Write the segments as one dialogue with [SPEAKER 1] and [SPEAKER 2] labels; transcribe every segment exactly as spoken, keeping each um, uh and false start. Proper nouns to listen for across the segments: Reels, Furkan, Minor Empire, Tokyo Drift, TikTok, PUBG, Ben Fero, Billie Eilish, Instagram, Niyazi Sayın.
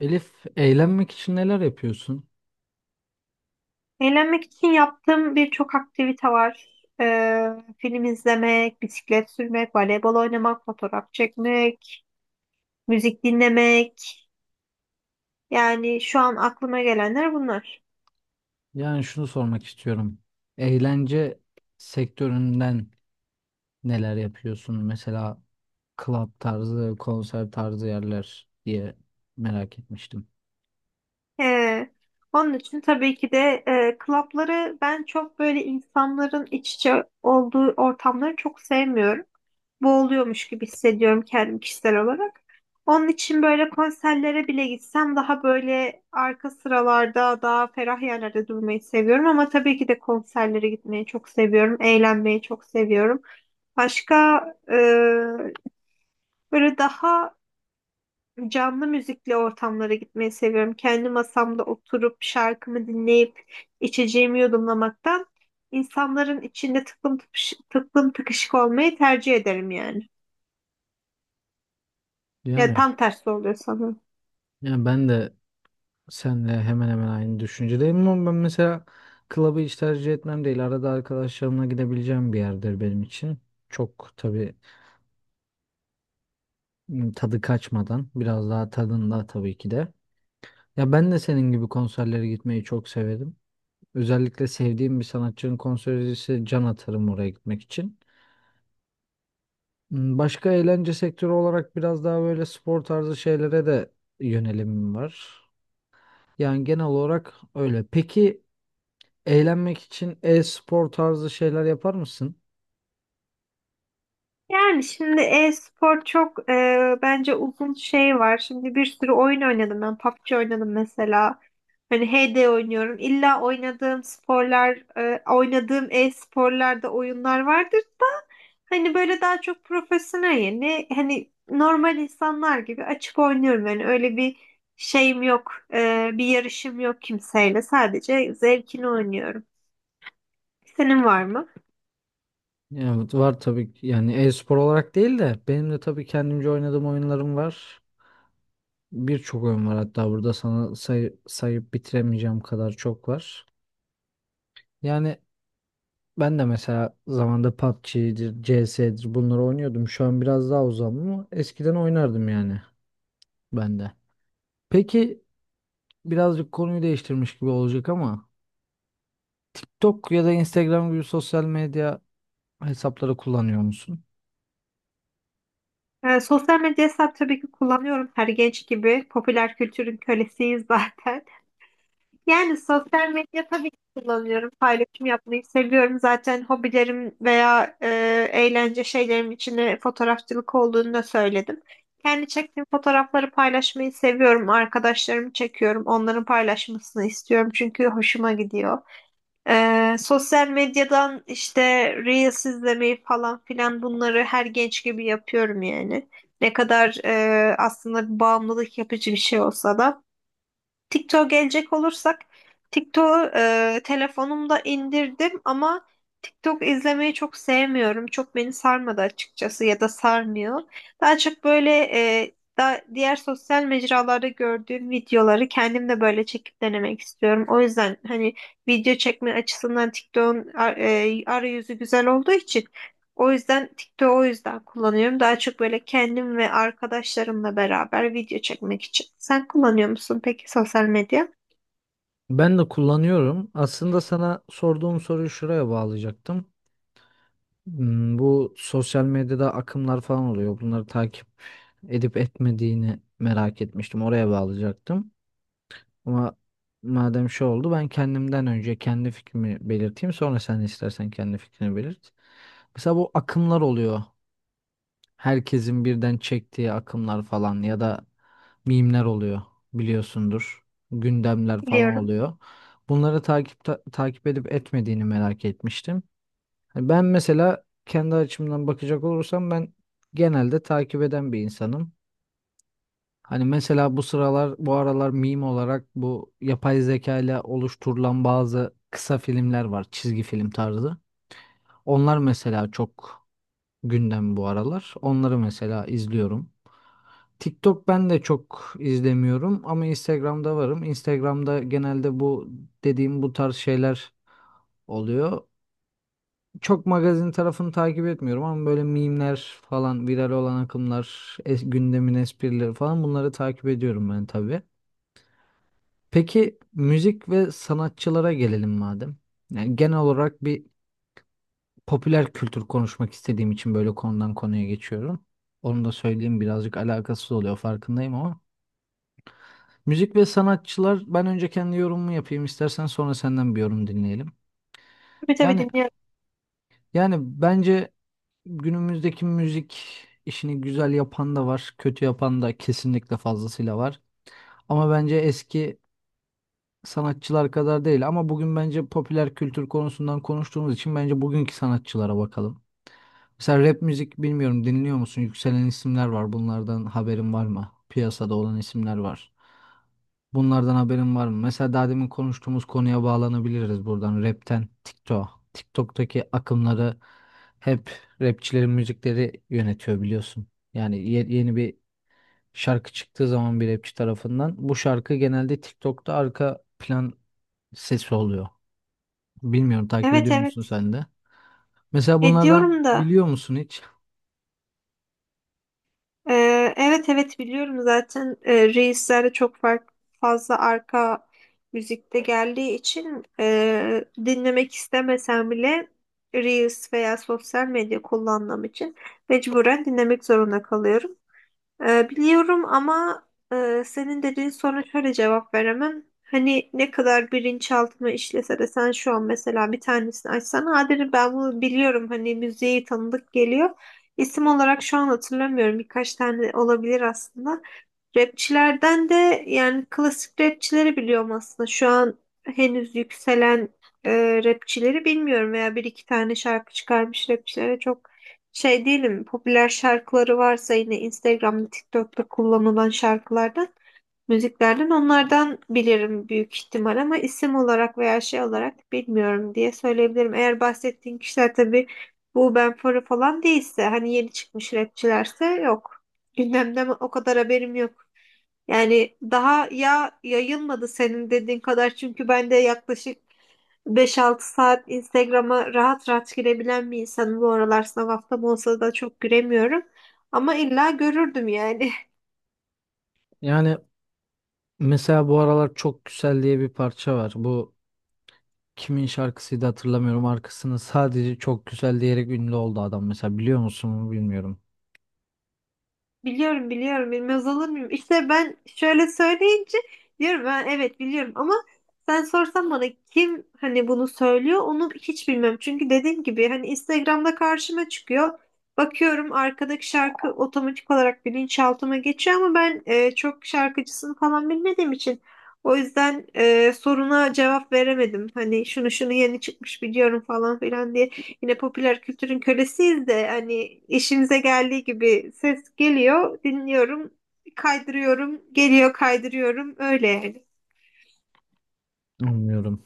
[SPEAKER 1] Elif, eğlenmek için neler yapıyorsun?
[SPEAKER 2] Eğlenmek için yaptığım birçok aktivite var. Ee, Film izlemek, bisiklet sürmek, voleybol oynamak, fotoğraf çekmek, müzik dinlemek. Yani şu an aklıma gelenler bunlar.
[SPEAKER 1] Yani şunu sormak istiyorum. Eğlence sektöründen neler yapıyorsun? Mesela club tarzı, konser tarzı yerler diye merak etmiştim.
[SPEAKER 2] Ee, Onun için tabii ki de e, klapları ben çok böyle insanların iç içe olduğu ortamları çok sevmiyorum. Boğuluyormuş gibi hissediyorum kendim kişisel olarak. Onun için böyle konserlere bile gitsem daha böyle arka sıralarda daha ferah yerlerde durmayı seviyorum ama tabii ki de konserlere gitmeyi çok seviyorum. Eğlenmeyi çok seviyorum. Başka e, böyle daha canlı müzikli ortamlara gitmeyi seviyorum. Kendi masamda oturup şarkımı dinleyip içeceğimi yudumlamaktan insanların içinde tıklım tıkış, tıklım tıkışık olmayı tercih ederim yani.
[SPEAKER 1] Değil
[SPEAKER 2] Ya
[SPEAKER 1] mi?
[SPEAKER 2] tam tersi oluyor sanırım.
[SPEAKER 1] Yani ben de senle hemen hemen aynı düşüncedeyim ama ben mesela club'ı hiç tercih etmem değil. Arada arkadaşlarımla gidebileceğim bir yerdir benim için. Çok tabii ım, tadı kaçmadan, biraz daha tadında tabii ki de. Ya ben de senin gibi konserlere gitmeyi çok severim. Özellikle sevdiğim bir sanatçının konseri ise can atarım oraya gitmek için. Hmm, Başka eğlence sektörü olarak biraz daha böyle spor tarzı şeylere de yönelimim var. Yani genel olarak öyle. Peki eğlenmek için e-spor tarzı şeyler yapar mısın?
[SPEAKER 2] Yani şimdi e-spor çok e, bence uzun şey var. Şimdi bir sürü oyun oynadım ben. PUBG oynadım mesela. Hani H D oynuyorum. İlla oynadığım sporlar, e, oynadığım e-sporlarda oyunlar vardır da hani böyle daha çok profesyonel yani hani normal insanlar gibi açıp oynuyorum. Yani öyle bir şeyim yok. E, bir yarışım yok kimseyle. Sadece zevkini oynuyorum. Senin var mı?
[SPEAKER 1] Evet var tabii ki. Yani e-spor olarak değil de benim de tabii kendimce oynadığım oyunlarım var. Birçok oyun var hatta burada sana say- sayıp bitiremeyeceğim kadar çok var. Yani ben de mesela zamanda P U B G'dir, C S'dir bunları oynuyordum. Şu an biraz daha uzağım ama eskiden oynardım yani ben de. Peki birazcık konuyu değiştirmiş gibi olacak ama TikTok ya da Instagram gibi sosyal medya hesapları kullanıyor musun?
[SPEAKER 2] Ee, sosyal medya hesap tabii ki kullanıyorum her genç gibi. Popüler kültürün kölesiyiz zaten. Yani sosyal medya tabii ki kullanıyorum. Paylaşım yapmayı seviyorum. Zaten hobilerim veya e, eğlence şeylerim içinde fotoğrafçılık olduğunu da söyledim. Kendi çektiğim fotoğrafları paylaşmayı seviyorum. Arkadaşlarımı çekiyorum. Onların paylaşmasını istiyorum çünkü hoşuma gidiyor. Ee, sosyal medyadan işte Reels izlemeyi falan filan bunları her genç gibi yapıyorum yani. Ne kadar e, aslında bir bağımlılık yapıcı bir şey olsa da. TikTok'a gelecek olursak TikTok'u e, telefonumda indirdim ama TikTok izlemeyi çok sevmiyorum. Çok beni sarmadı açıkçası ya da sarmıyor. Daha çok böyle e, da, diğer sosyal mecralarda gördüğüm videoları kendim de böyle çekip denemek istiyorum. O yüzden hani video çekme açısından TikTok'un ar- e, arayüzü güzel olduğu için o yüzden TikTok'u o yüzden kullanıyorum. Daha çok böyle kendim ve arkadaşlarımla beraber video çekmek için. Sen kullanıyor musun peki sosyal medya?
[SPEAKER 1] Ben de kullanıyorum. Aslında sana sorduğum soruyu şuraya bağlayacaktım. Hmm, Bu sosyal medyada akımlar falan oluyor. Bunları takip edip etmediğini merak etmiştim. Oraya bağlayacaktım. Ama madem şey oldu ben kendimden önce kendi fikrimi belirteyim. Sonra sen istersen kendi fikrini belirt. Mesela bu akımlar oluyor. Herkesin birden çektiği akımlar falan ya da mimler oluyor biliyorsundur. Gündemler falan
[SPEAKER 2] Biliyorum.
[SPEAKER 1] oluyor. Bunları takip ta- takip edip etmediğini merak etmiştim. Hani ben mesela kendi açımdan bakacak olursam ben genelde takip eden bir insanım. Hani mesela bu sıralar bu aralar meme olarak bu yapay zeka ile oluşturulan bazı kısa filmler var. Çizgi film tarzı. Onlar mesela çok gündem bu aralar. Onları mesela izliyorum. TikTok ben de çok izlemiyorum ama Instagram'da varım. Instagram'da genelde bu dediğim bu tarz şeyler oluyor. Çok magazin tarafını takip etmiyorum ama böyle meme'ler falan, viral olan akımlar, es- gündemin esprileri falan bunları takip ediyorum ben tabii. Peki müzik ve sanatçılara gelelim madem. Yani genel olarak bir popüler kültür konuşmak istediğim için böyle konudan konuya geçiyorum. Onu da söyleyeyim birazcık alakasız oluyor farkındayım ama. Müzik ve sanatçılar ben önce kendi yorumumu yapayım istersen sonra senden bir yorum dinleyelim.
[SPEAKER 2] Tabii tabii,
[SPEAKER 1] Yani
[SPEAKER 2] dinliyorum.
[SPEAKER 1] yani bence günümüzdeki müzik işini güzel yapan da var, kötü yapan da kesinlikle fazlasıyla var. Ama bence eski sanatçılar kadar değil ama bugün bence popüler kültür konusundan konuştuğumuz için bence bugünkü sanatçılara bakalım. Mesela rap müzik bilmiyorum dinliyor musun? Yükselen isimler var. Bunlardan haberin var mı? Piyasada olan isimler var. Bunlardan haberin var mı? Mesela daha demin konuştuğumuz konuya bağlanabiliriz buradan. Rap'ten TikTok. TikTok'taki akımları hep rapçilerin müzikleri yönetiyor biliyorsun. Yani ye- yeni bir şarkı çıktığı zaman bir rapçi tarafından bu şarkı genelde TikTok'ta arka plan sesi oluyor. Bilmiyorum takip
[SPEAKER 2] Evet,
[SPEAKER 1] ediyor musun
[SPEAKER 2] evet.
[SPEAKER 1] sen de? Mesela bunlardan
[SPEAKER 2] Ediyorum da.
[SPEAKER 1] biliyor musun hiç?
[SPEAKER 2] Ee, evet evet biliyorum zaten, e, Reels'lerde çok fark, fazla arka müzikte geldiği için e, dinlemek istemesem bile Reels veya sosyal medya kullandığım için mecburen dinlemek zorunda kalıyorum. Ee, biliyorum ama e, senin dediğin soruna şöyle cevap veremem. Hani ne kadar bilinçaltına işlese de sen şu an mesela bir tanesini açsan ha derim ben bunu biliyorum, hani müziği tanıdık geliyor. İsim olarak şu an hatırlamıyorum, birkaç tane olabilir aslında. Rapçilerden de yani klasik rapçileri biliyorum aslında. Şu an henüz yükselen e, rapçileri bilmiyorum veya bir iki tane şarkı çıkarmış rapçilere çok şey değilim. Popüler şarkıları varsa yine Instagram'da, TikTok'ta kullanılan şarkılardan, müziklerden onlardan bilirim büyük ihtimal ama isim olarak veya şey olarak bilmiyorum diye söyleyebilirim. Eğer bahsettiğin kişiler tabii bu Ben Fero falan değilse hani yeni çıkmış rapçilerse yok. Gündemde o kadar haberim yok. Yani daha ya yayılmadı senin dediğin kadar çünkü ben de yaklaşık beş altı saat Instagram'a rahat rahat girebilen bir insanım. Bu aralar sınav haftam olsa da çok giremiyorum. Ama illa görürdüm yani.
[SPEAKER 1] Yani mesela bu aralar çok güzel diye bir parça var. Bu kimin şarkısıydı hatırlamıyorum. Arkasını sadece çok güzel diyerek ünlü oldu adam mesela biliyor musun bilmiyorum.
[SPEAKER 2] Biliyorum, biliyorum, bilmez olur muyum? İşte ben şöyle söyleyince diyorum ben evet biliyorum ama sen sorsan bana kim hani bunu söylüyor onu hiç bilmem. Çünkü dediğim gibi hani Instagram'da karşıma çıkıyor. Bakıyorum arkadaki şarkı otomatik olarak bilinçaltıma geçiyor ama ben e, çok şarkıcısını falan bilmediğim için o yüzden e, soruna cevap veremedim. Hani şunu şunu yeni çıkmış biliyorum falan filan diye. Yine popüler kültürün kölesiyiz de hani işimize geldiği gibi ses geliyor, dinliyorum, kaydırıyorum, geliyor, kaydırıyorum öyle yani.
[SPEAKER 1] Anlıyorum.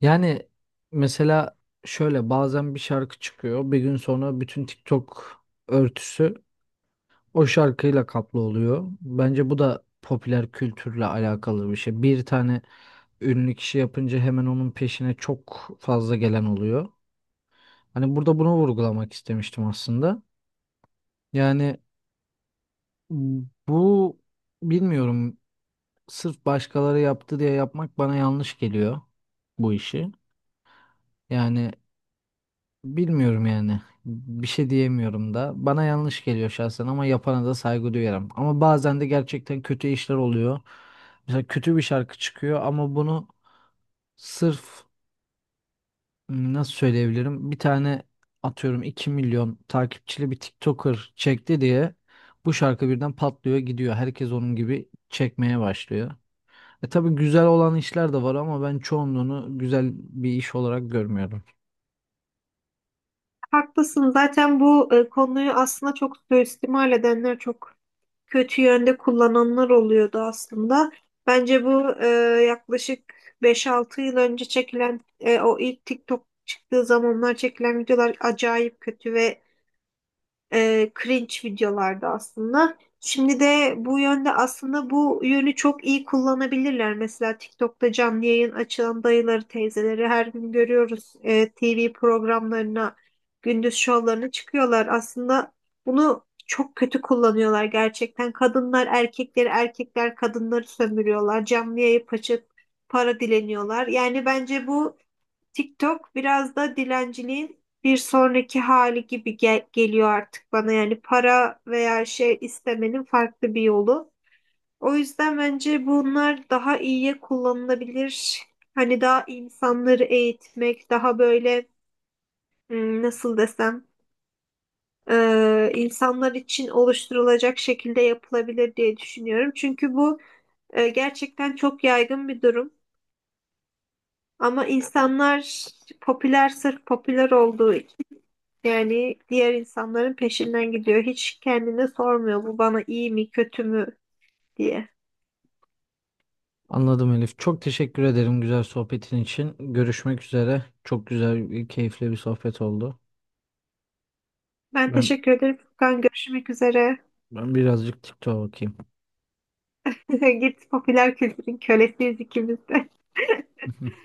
[SPEAKER 1] Yani mesela şöyle bazen bir şarkı çıkıyor. Bir gün sonra bütün TikTok örtüsü o şarkıyla kaplı oluyor. Bence bu da popüler kültürle alakalı bir şey. Bir tane ünlü kişi yapınca hemen onun peşine çok fazla gelen oluyor. Hani burada bunu vurgulamak istemiştim aslında. Yani bu bilmiyorum sırf başkaları yaptı diye yapmak bana yanlış geliyor bu işi. Yani bilmiyorum yani. Bir şey diyemiyorum da. Bana yanlış geliyor şahsen ama yapana da saygı duyarım. Ama bazen de gerçekten kötü işler oluyor. Mesela kötü bir şarkı çıkıyor ama bunu sırf m, nasıl söyleyebilirim? Bir tane atıyorum iki milyon takipçili bir TikToker çekti diye bu şarkı birden patlıyor gidiyor. Herkes onun gibi çekmeye başlıyor. E tabii güzel olan işler de var ama ben çoğunluğunu güzel bir iş olarak görmüyorum.
[SPEAKER 2] Haklısın, zaten bu e, konuyu aslında çok suistimal edenler, çok kötü yönde kullananlar oluyordu aslında. Bence bu e, yaklaşık beş altı yıl önce çekilen e, o ilk TikTok çıktığı zamanlar çekilen videolar acayip kötü ve e, cringe videolarda aslında. Şimdi de bu yönde aslında bu yönü çok iyi kullanabilirler. Mesela TikTok'ta canlı yayın açılan dayıları, teyzeleri her gün görüyoruz. E, T V programlarına, gündüz şovlarına çıkıyorlar. Aslında bunu çok kötü kullanıyorlar gerçekten. Kadınlar erkekleri, erkekler kadınları sömürüyorlar. Canlı yayıp açıp para dileniyorlar. Yani bence bu TikTok biraz da dilenciliğin bir sonraki hali gibi gel- geliyor artık bana. Yani para veya şey istemenin farklı bir yolu. O yüzden bence bunlar daha iyiye kullanılabilir. Hani daha insanları eğitmek, daha böyle, hmm, nasıl desem, e, insanlar için oluşturulacak şekilde yapılabilir diye düşünüyorum. Çünkü bu e, gerçekten çok yaygın bir durum. Ama insanlar popüler, sırf popüler olduğu, yani diğer insanların peşinden gidiyor. Hiç kendine sormuyor bu bana iyi mi kötü mü diye.
[SPEAKER 1] Anladım Elif. Çok teşekkür ederim güzel sohbetin için. Görüşmek üzere. Çok güzel, keyifli bir sohbet oldu.
[SPEAKER 2] Ben
[SPEAKER 1] Ben
[SPEAKER 2] teşekkür ederim Furkan. Görüşmek üzere.
[SPEAKER 1] ben birazcık TikTok'a bakayım.
[SPEAKER 2] Git, popüler kültürün kölesiyiz ikimiz de.